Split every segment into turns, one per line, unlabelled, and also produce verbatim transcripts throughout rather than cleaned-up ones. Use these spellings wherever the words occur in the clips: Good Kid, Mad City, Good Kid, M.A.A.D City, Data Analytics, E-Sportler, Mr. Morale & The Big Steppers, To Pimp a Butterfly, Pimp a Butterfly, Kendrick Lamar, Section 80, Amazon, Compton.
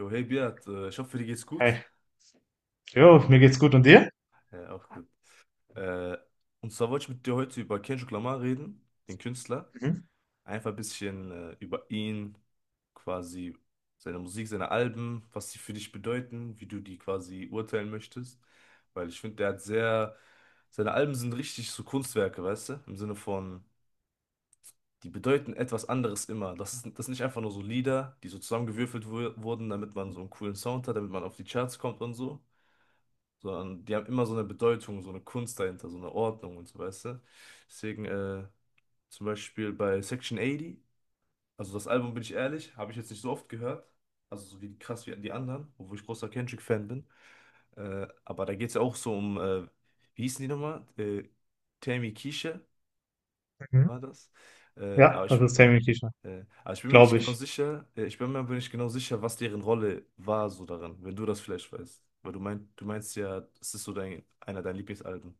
Jo, hey Beat, äh, ich hoffe, dir geht's gut.
Hey, jo, mir geht's gut und dir?
Ja, auch gut. Äh, und zwar wollte ich mit dir heute über Kendrick Lamar reden, den Künstler.
Mhm.
Einfach ein bisschen äh, über ihn, quasi seine Musik, seine Alben, was sie für dich bedeuten, wie du die quasi urteilen möchtest. Weil ich finde, der hat sehr, seine Alben sind richtig so Kunstwerke, weißt du? Im Sinne von, die bedeuten etwas anderes immer. Das ist, das sind nicht einfach nur so Lieder, die so zusammengewürfelt wu- wurden, damit man so einen coolen Sound hat, damit man auf die Charts kommt und so. Sondern die haben immer so eine Bedeutung, so eine Kunst dahinter, so eine Ordnung und so, weißt du? Deswegen, äh, zum Beispiel bei Section achtzig, also das Album, bin ich ehrlich, habe ich jetzt nicht so oft gehört, also so wie krass wie die anderen, obwohl ich großer Kendrick-Fan bin, äh, aber da geht es ja auch so um, äh, wie hießen die nochmal? Äh, Tammy Kiesche
Mhm.
war das, äh,
Ja,
aber
das
ich...
ist Tammy T-Shirt,
äh, Aber ich bin mir nicht
glaube
genau
ich.
sicher, äh, ich bin mir aber nicht genau sicher, was deren Rolle war so daran, wenn du das vielleicht weißt. Weil du meinst, du meinst ja, es ist so dein, einer deiner Lieblingsalben.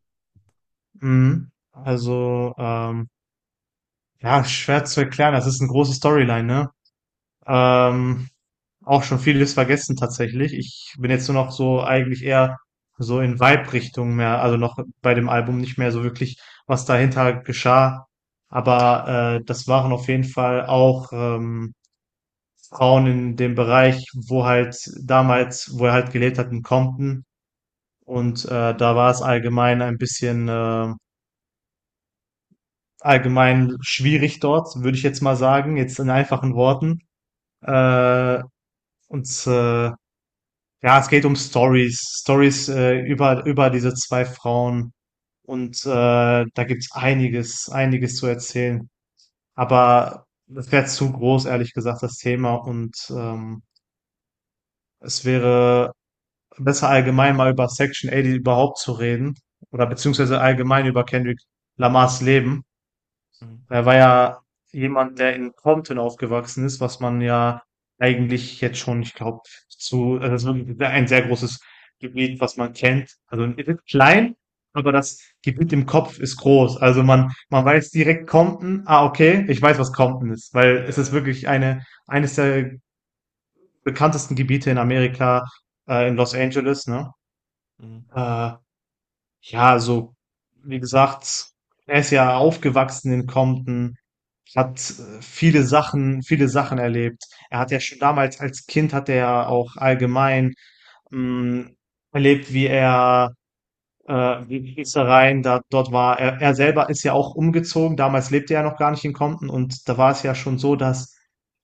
Mhm. Also, ähm, ja, schwer zu erklären, das ist eine große Storyline, ne? Ähm, Auch schon vieles vergessen tatsächlich. Ich bin jetzt nur noch so eigentlich eher so in Vibe-Richtung mehr, also noch bei dem Album nicht mehr so wirklich, was dahinter geschah. Aber äh, das waren auf jeden Fall auch ähm, Frauen in dem Bereich, wo halt damals, wo er halt gelebt hat in Compton. Und äh, da war es allgemein ein bisschen äh, allgemein schwierig dort, würde ich jetzt mal sagen, jetzt in einfachen Worten. Äh, und äh, ja, es geht um Stories, Stories äh, über über diese zwei Frauen. Und äh, da gibt's einiges, einiges zu erzählen. Aber das wäre zu groß, ehrlich gesagt, das Thema.
Mhm.
Und ähm, es wäre besser allgemein mal über Section achtzig überhaupt zu reden. Oder
Mhm.
beziehungsweise allgemein über Kendrick Lamars Leben.
Mhm.
Er war ja jemand, der in Compton aufgewachsen ist, was man ja eigentlich jetzt schon, ich glaube, zu, also das ist wirklich ein sehr großes Gebiet, was man kennt. Also es ist klein, aber das Gebiet im Kopf ist groß. Also man, man weiß direkt Compton, ah, okay, ich weiß, was Compton ist, weil es ist
Ja.
wirklich eine, eines der bekanntesten Gebiete in Amerika, äh, in Los Angeles, ne?
Mhm.
Äh, ja, also, wie gesagt, er ist ja aufgewachsen in Compton, hat äh, viele Sachen, viele Sachen erlebt. Er hat ja schon damals als Kind hat er ja auch allgemein mh, erlebt, wie er äh, Gießereien, da, dort war er, er selber ist ja auch umgezogen. Damals lebte er ja noch gar nicht in Compton und da war es ja schon so, dass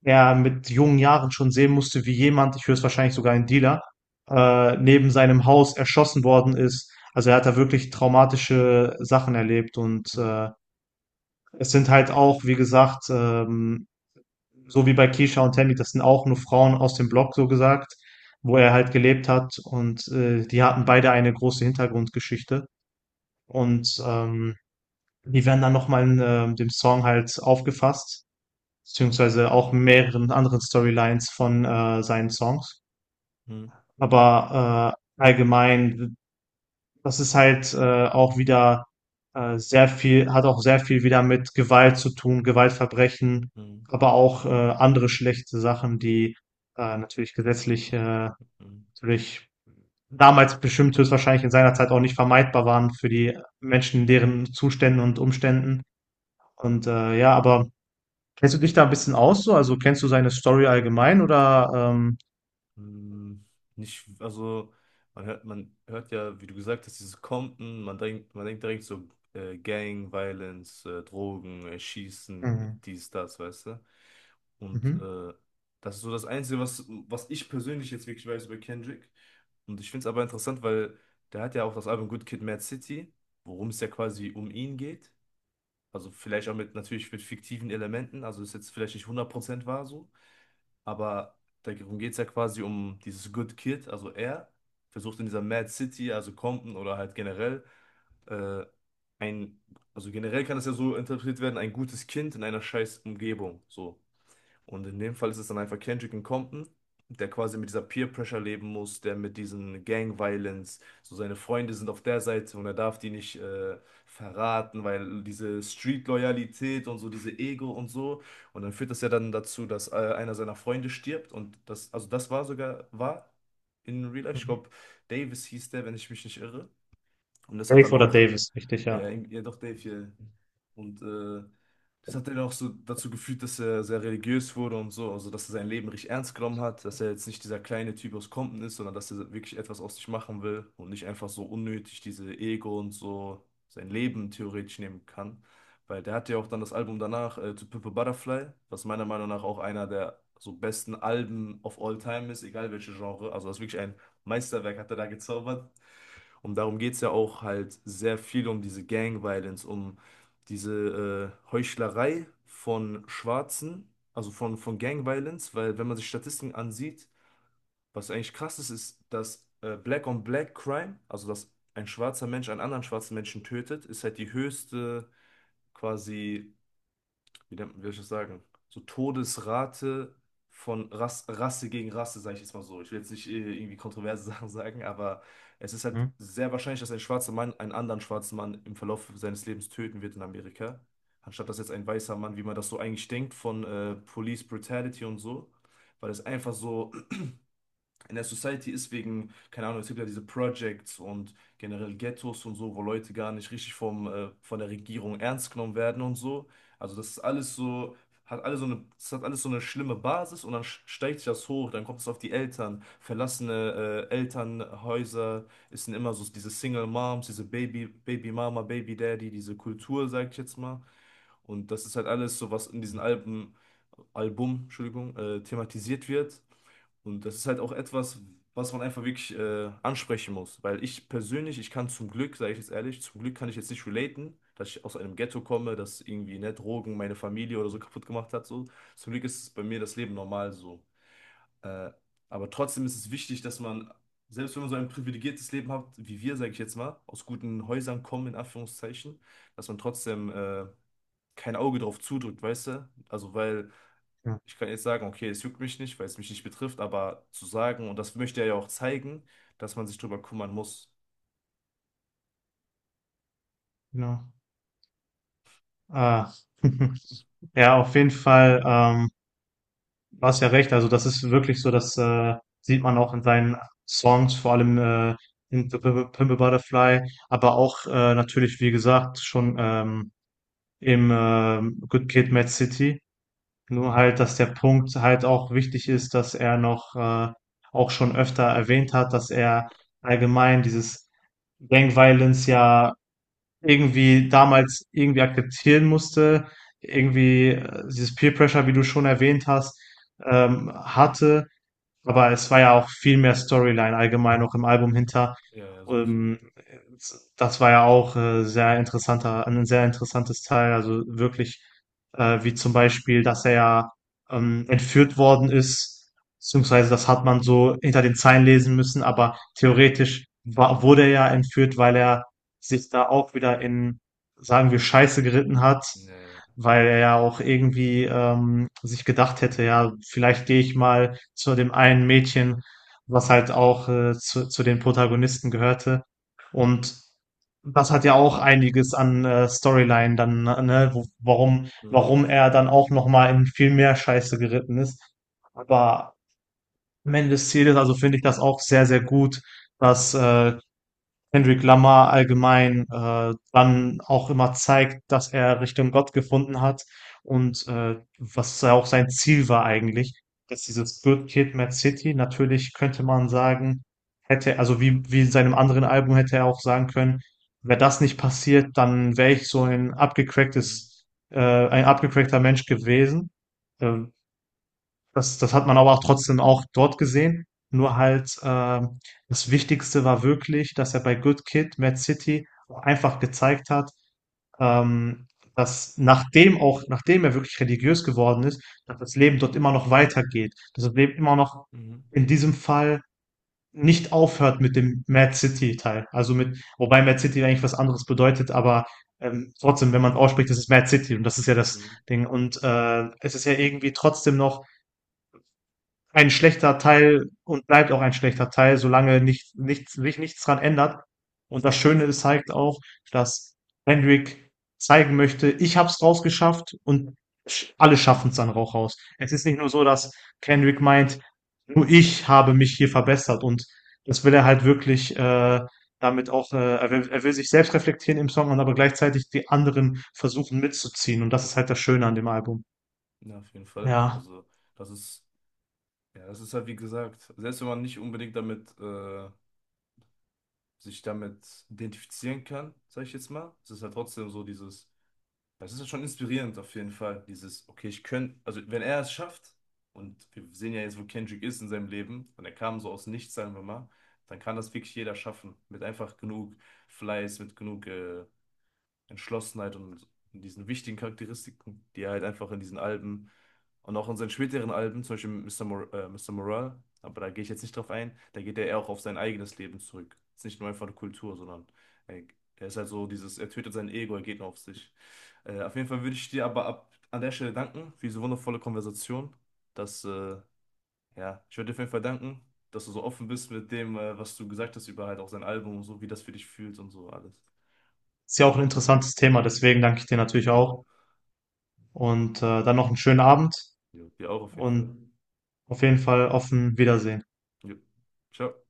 er mit jungen Jahren schon sehen musste, wie jemand, ich höchstwahrscheinlich sogar ein Dealer, äh, neben seinem Haus erschossen worden ist. Also er hat da wirklich traumatische Sachen erlebt und
Mhm.
äh, es sind halt auch, wie gesagt, ähm, so wie bei Keisha und Tammy, das sind auch nur Frauen aus dem Block, so gesagt, wo er halt gelebt hat und äh, die hatten beide eine große Hintergrundgeschichte. Und ähm, die werden dann nochmal in ähm, dem Song halt aufgefasst, beziehungsweise auch mehreren anderen Storylines von äh, seinen Songs.
Mhm.
Aber äh, allgemein, das ist halt äh, auch wieder äh, sehr viel, hat auch sehr viel wieder mit Gewalt zu tun, Gewaltverbrechen,
Mhm.
aber auch äh, andere schlechte Sachen, die äh, natürlich gesetzlich äh,
Mhm.
natürlich damals bestimmt höchstwahrscheinlich in seiner Zeit auch nicht vermeidbar waren für die Menschen in deren Zuständen und Umständen. Und äh, ja, aber kennst du dich da ein bisschen aus so? Also kennst du seine Story allgemein oder ähm,
Mhm. Nicht, also man hört, man hört ja, wie du gesagt hast, dieses Compton, man denkt, man denkt direkt so äh, Gang, Violence, äh, Drogen, äh, Schießen,
mhm.
dies, das, weißt du? Und
Mhm.
äh, das ist so das Einzige, was, was ich persönlich jetzt wirklich weiß über Kendrick. Und ich finde es aber interessant, weil der hat ja auch das Album Good Kid, Mad City, worum es ja quasi um ihn geht. Also vielleicht auch mit, natürlich mit fiktiven Elementen, also ist jetzt vielleicht nicht hundert Prozent wahr so, aber darum geht es ja quasi um dieses Good Kid, also er versucht in dieser Mad City, also Compton oder halt generell, äh, ein, also generell kann das ja so interpretiert werden, ein gutes Kind in einer scheiß Umgebung, so. Und in dem Fall ist es dann einfach Kendrick und Compton, der quasi mit dieser Peer Pressure leben muss, der mit diesen Gang Violence, so seine Freunde sind auf der Seite und er darf die nicht äh, verraten, weil diese Street Loyalität und so, diese Ego und so. Und dann führt das ja dann dazu, dass äh, einer seiner Freunde stirbt, und das, also das war sogar, war in Real Life, ich
Mhm.
glaube, Davis hieß der, wenn ich mich nicht irre. Und das hat
Dave
dann
oder
auch,
Davis, richtig, ja.
äh, ja doch, Dave hier. Und äh, das hat ihn auch so dazu geführt, dass er sehr religiös wurde und so, also dass er sein Leben richtig ernst genommen hat, dass er jetzt nicht dieser kleine Typ aus Compton ist, sondern dass er wirklich etwas aus sich machen will und nicht einfach so unnötig diese Ego und so sein Leben theoretisch nehmen kann. Weil der hat ja auch dann das Album danach, äh, To Pimp a Butterfly, was meiner Meinung nach auch einer der so besten Alben of all time ist, egal welche Genre. Also das ist wirklich ein Meisterwerk, hat er da gezaubert. Und darum geht es ja auch halt sehr viel um diese Gang-Violence, um diese äh, Heuchlerei von Schwarzen, also von, von Gang-Violence, weil wenn man sich Statistiken ansieht, was eigentlich krass ist, ist, dass äh, Black-on-Black-Crime, also dass ein schwarzer Mensch einen anderen schwarzen Menschen tötet, ist halt die höchste quasi wie nennt- wie soll ich das sagen, so Todesrate von Rass, Rasse gegen Rasse, sage ich jetzt mal so. Ich will jetzt nicht äh, irgendwie kontroverse Sachen sagen, aber es ist halt
Mhm.
sehr wahrscheinlich, dass ein schwarzer Mann einen anderen schwarzen Mann im Verlauf seines Lebens töten wird in Amerika. Anstatt dass jetzt ein weißer Mann, wie man das so eigentlich denkt, von äh, Police Brutality und so, weil es einfach so in der Society ist wegen, keine Ahnung, es gibt ja diese Projects und generell Ghettos und so, wo Leute gar nicht richtig vom, äh, von der Regierung ernst genommen werden und so. Also das ist alles so, hat alles so eine, das hat alles so eine schlimme Basis, und dann sch- steigt sich das hoch, dann kommt es auf die Eltern. Verlassene, äh, Elternhäuser, es sind immer so diese Single Moms, diese Baby, Baby Mama, Baby Daddy, diese Kultur, sag ich jetzt mal. Und das ist halt alles so, was in diesen Alben, Album, Entschuldigung, äh, thematisiert wird. Und das ist halt auch etwas, was man einfach wirklich äh, ansprechen muss. Weil ich persönlich, ich kann zum Glück, sage ich jetzt ehrlich, zum Glück kann ich jetzt nicht relaten, dass ich aus einem Ghetto komme, dass irgendwie, ne, Drogen meine Familie oder so kaputt gemacht hat. So. Zum Glück ist bei mir das Leben normal so. Äh, aber trotzdem ist es wichtig, dass man, selbst wenn man so ein privilegiertes Leben hat, wie wir, sage ich jetzt mal, aus guten Häusern kommen, in Anführungszeichen, dass man trotzdem äh, kein Auge drauf zudrückt, weißt du? Also, weil
Ja,
ich kann jetzt sagen, okay, es juckt mich nicht, weil es mich nicht betrifft, aber zu sagen, und das möchte er ja auch zeigen, dass man sich drüber kümmern muss.
genau. Ah. Ja, auf jeden Fall, ähm, du hast ja recht. Also das ist wirklich so, das äh, sieht man auch in seinen Songs, vor allem äh, in P- P- Pimp a Butterfly, aber auch äh, natürlich, wie gesagt, schon ähm, im ähm, Good Kid, Mad City. Nur
Mhm.
halt, dass der Punkt halt auch wichtig ist, dass er noch äh, auch schon öfter erwähnt hat, dass er allgemein dieses Gang Violence ja irgendwie damals irgendwie akzeptieren musste, irgendwie äh,
Mhm.
dieses Peer Pressure, wie du schon erwähnt hast, ähm, hatte aber es war ja auch viel mehr Storyline allgemein auch im Album hinter.
Ja, ja, sowieso.
Ähm, Das war ja auch äh, sehr interessanter, ein sehr interessantes Teil. Also wirklich, äh, wie zum Beispiel, dass er ja ähm, entführt worden ist, beziehungsweise das hat man so hinter den Zeilen lesen müssen, aber
Mhm.
theoretisch war, wurde er ja entführt, weil er sich da auch wieder in, sagen wir, Scheiße geritten hat,
Ja, ja.
weil er ja auch irgendwie ähm, sich gedacht hätte, ja, vielleicht gehe ich mal zu dem einen Mädchen, was halt
Mhm.
auch äh, zu, zu den Protagonisten gehörte. Und das hat ja auch einiges an äh, Storyline dann, ne, ne, wo, warum, warum er dann auch nochmal in viel mehr Scheiße geritten ist. Aber am Ende des Zieles, also finde ich das auch sehr, sehr gut, dass äh, Kendrick Lamar allgemein äh, dann auch immer zeigt, dass er Richtung Gott gefunden hat und äh, was ja auch sein Ziel war eigentlich, dass dieses Good Kid, Mad City, natürlich könnte man sagen, hätte, also wie, wie in seinem anderen Album hätte er auch sagen können, wäre das nicht passiert, dann wäre ich so ein
Mhm.
abgecracktes, äh, ein abgecrackter Mensch gewesen. Äh, das das hat man aber auch trotzdem auch dort gesehen. Nur halt, ähm, das Wichtigste war wirklich, dass er bei Good Kid, Mad City auch einfach gezeigt hat, ähm, dass nachdem auch, nachdem er wirklich religiös geworden ist, dass das Leben dort immer noch weitergeht. Dass das Leben immer noch
Mhm.
in diesem Fall nicht aufhört mit dem Mad City Teil. Also mit, wobei Mad City eigentlich was anderes bedeutet, aber ähm, trotzdem, wenn man es ausspricht, das ist Mad City und das ist ja das
Mhm. Mhm.
Ding. Und äh, es ist ja irgendwie trotzdem noch ein schlechter Teil und bleibt auch ein schlechter Teil, solange nicht, nichts, sich nichts dran ändert. Und das Schöne ist halt auch, dass Hendrik zeigen möchte, ich hab's rausgeschafft und sch- alle schaffen's
Mhm.
dann auch raus. Es ist nicht nur so, dass Kendrick meint, nur ich habe mich hier verbessert und das will
Ja,
er
ja.
halt wirklich äh, damit auch, äh, er, will, er will sich selbst reflektieren im Song und aber gleichzeitig die anderen versuchen mitzuziehen und das ist halt das Schöne an dem Album.
Ja, auf jeden Fall.
Ja.
Also, das ist, ja, das ist halt wie gesagt, selbst wenn man nicht unbedingt damit, äh, sich damit identifizieren kann, sage ich jetzt mal, es ist halt trotzdem so dieses. Das ist schon inspirierend auf jeden Fall, dieses, okay, ich könnte, also wenn er es schafft, und wir sehen ja jetzt, wo Kendrick ist in seinem Leben, und er kam so aus nichts, sagen wir mal, dann kann das wirklich jeder schaffen, mit einfach genug Fleiß, mit genug äh, Entschlossenheit und in diesen wichtigen Charakteristiken, die er halt einfach in diesen Alben und auch in seinen späteren Alben, zum Beispiel Mister Mor äh, Mister Morale, aber da gehe ich jetzt nicht drauf ein, da geht er eher auch auf sein eigenes Leben zurück. Es ist nicht nur einfach eine Kultur, sondern er, er ist halt so dieses, er tötet sein Ego, er geht nur auf sich. Äh, auf jeden Fall würde ich dir aber ab, an der Stelle danken für diese wundervolle Konversation. Dass, äh, ja, ich würde dir auf jeden Fall danken, dass du so offen bist mit dem, äh, was du gesagt hast über halt auch sein Album und so, wie das für dich fühlt und so alles.
Ist ja auch ein interessantes Thema, deswegen danke ich dir natürlich
Äh,
auch und, äh, dann noch einen schönen Abend
ja, dir auch auf jeden Fall.
und auf jeden Fall offen Wiedersehen.
Jo. Ciao.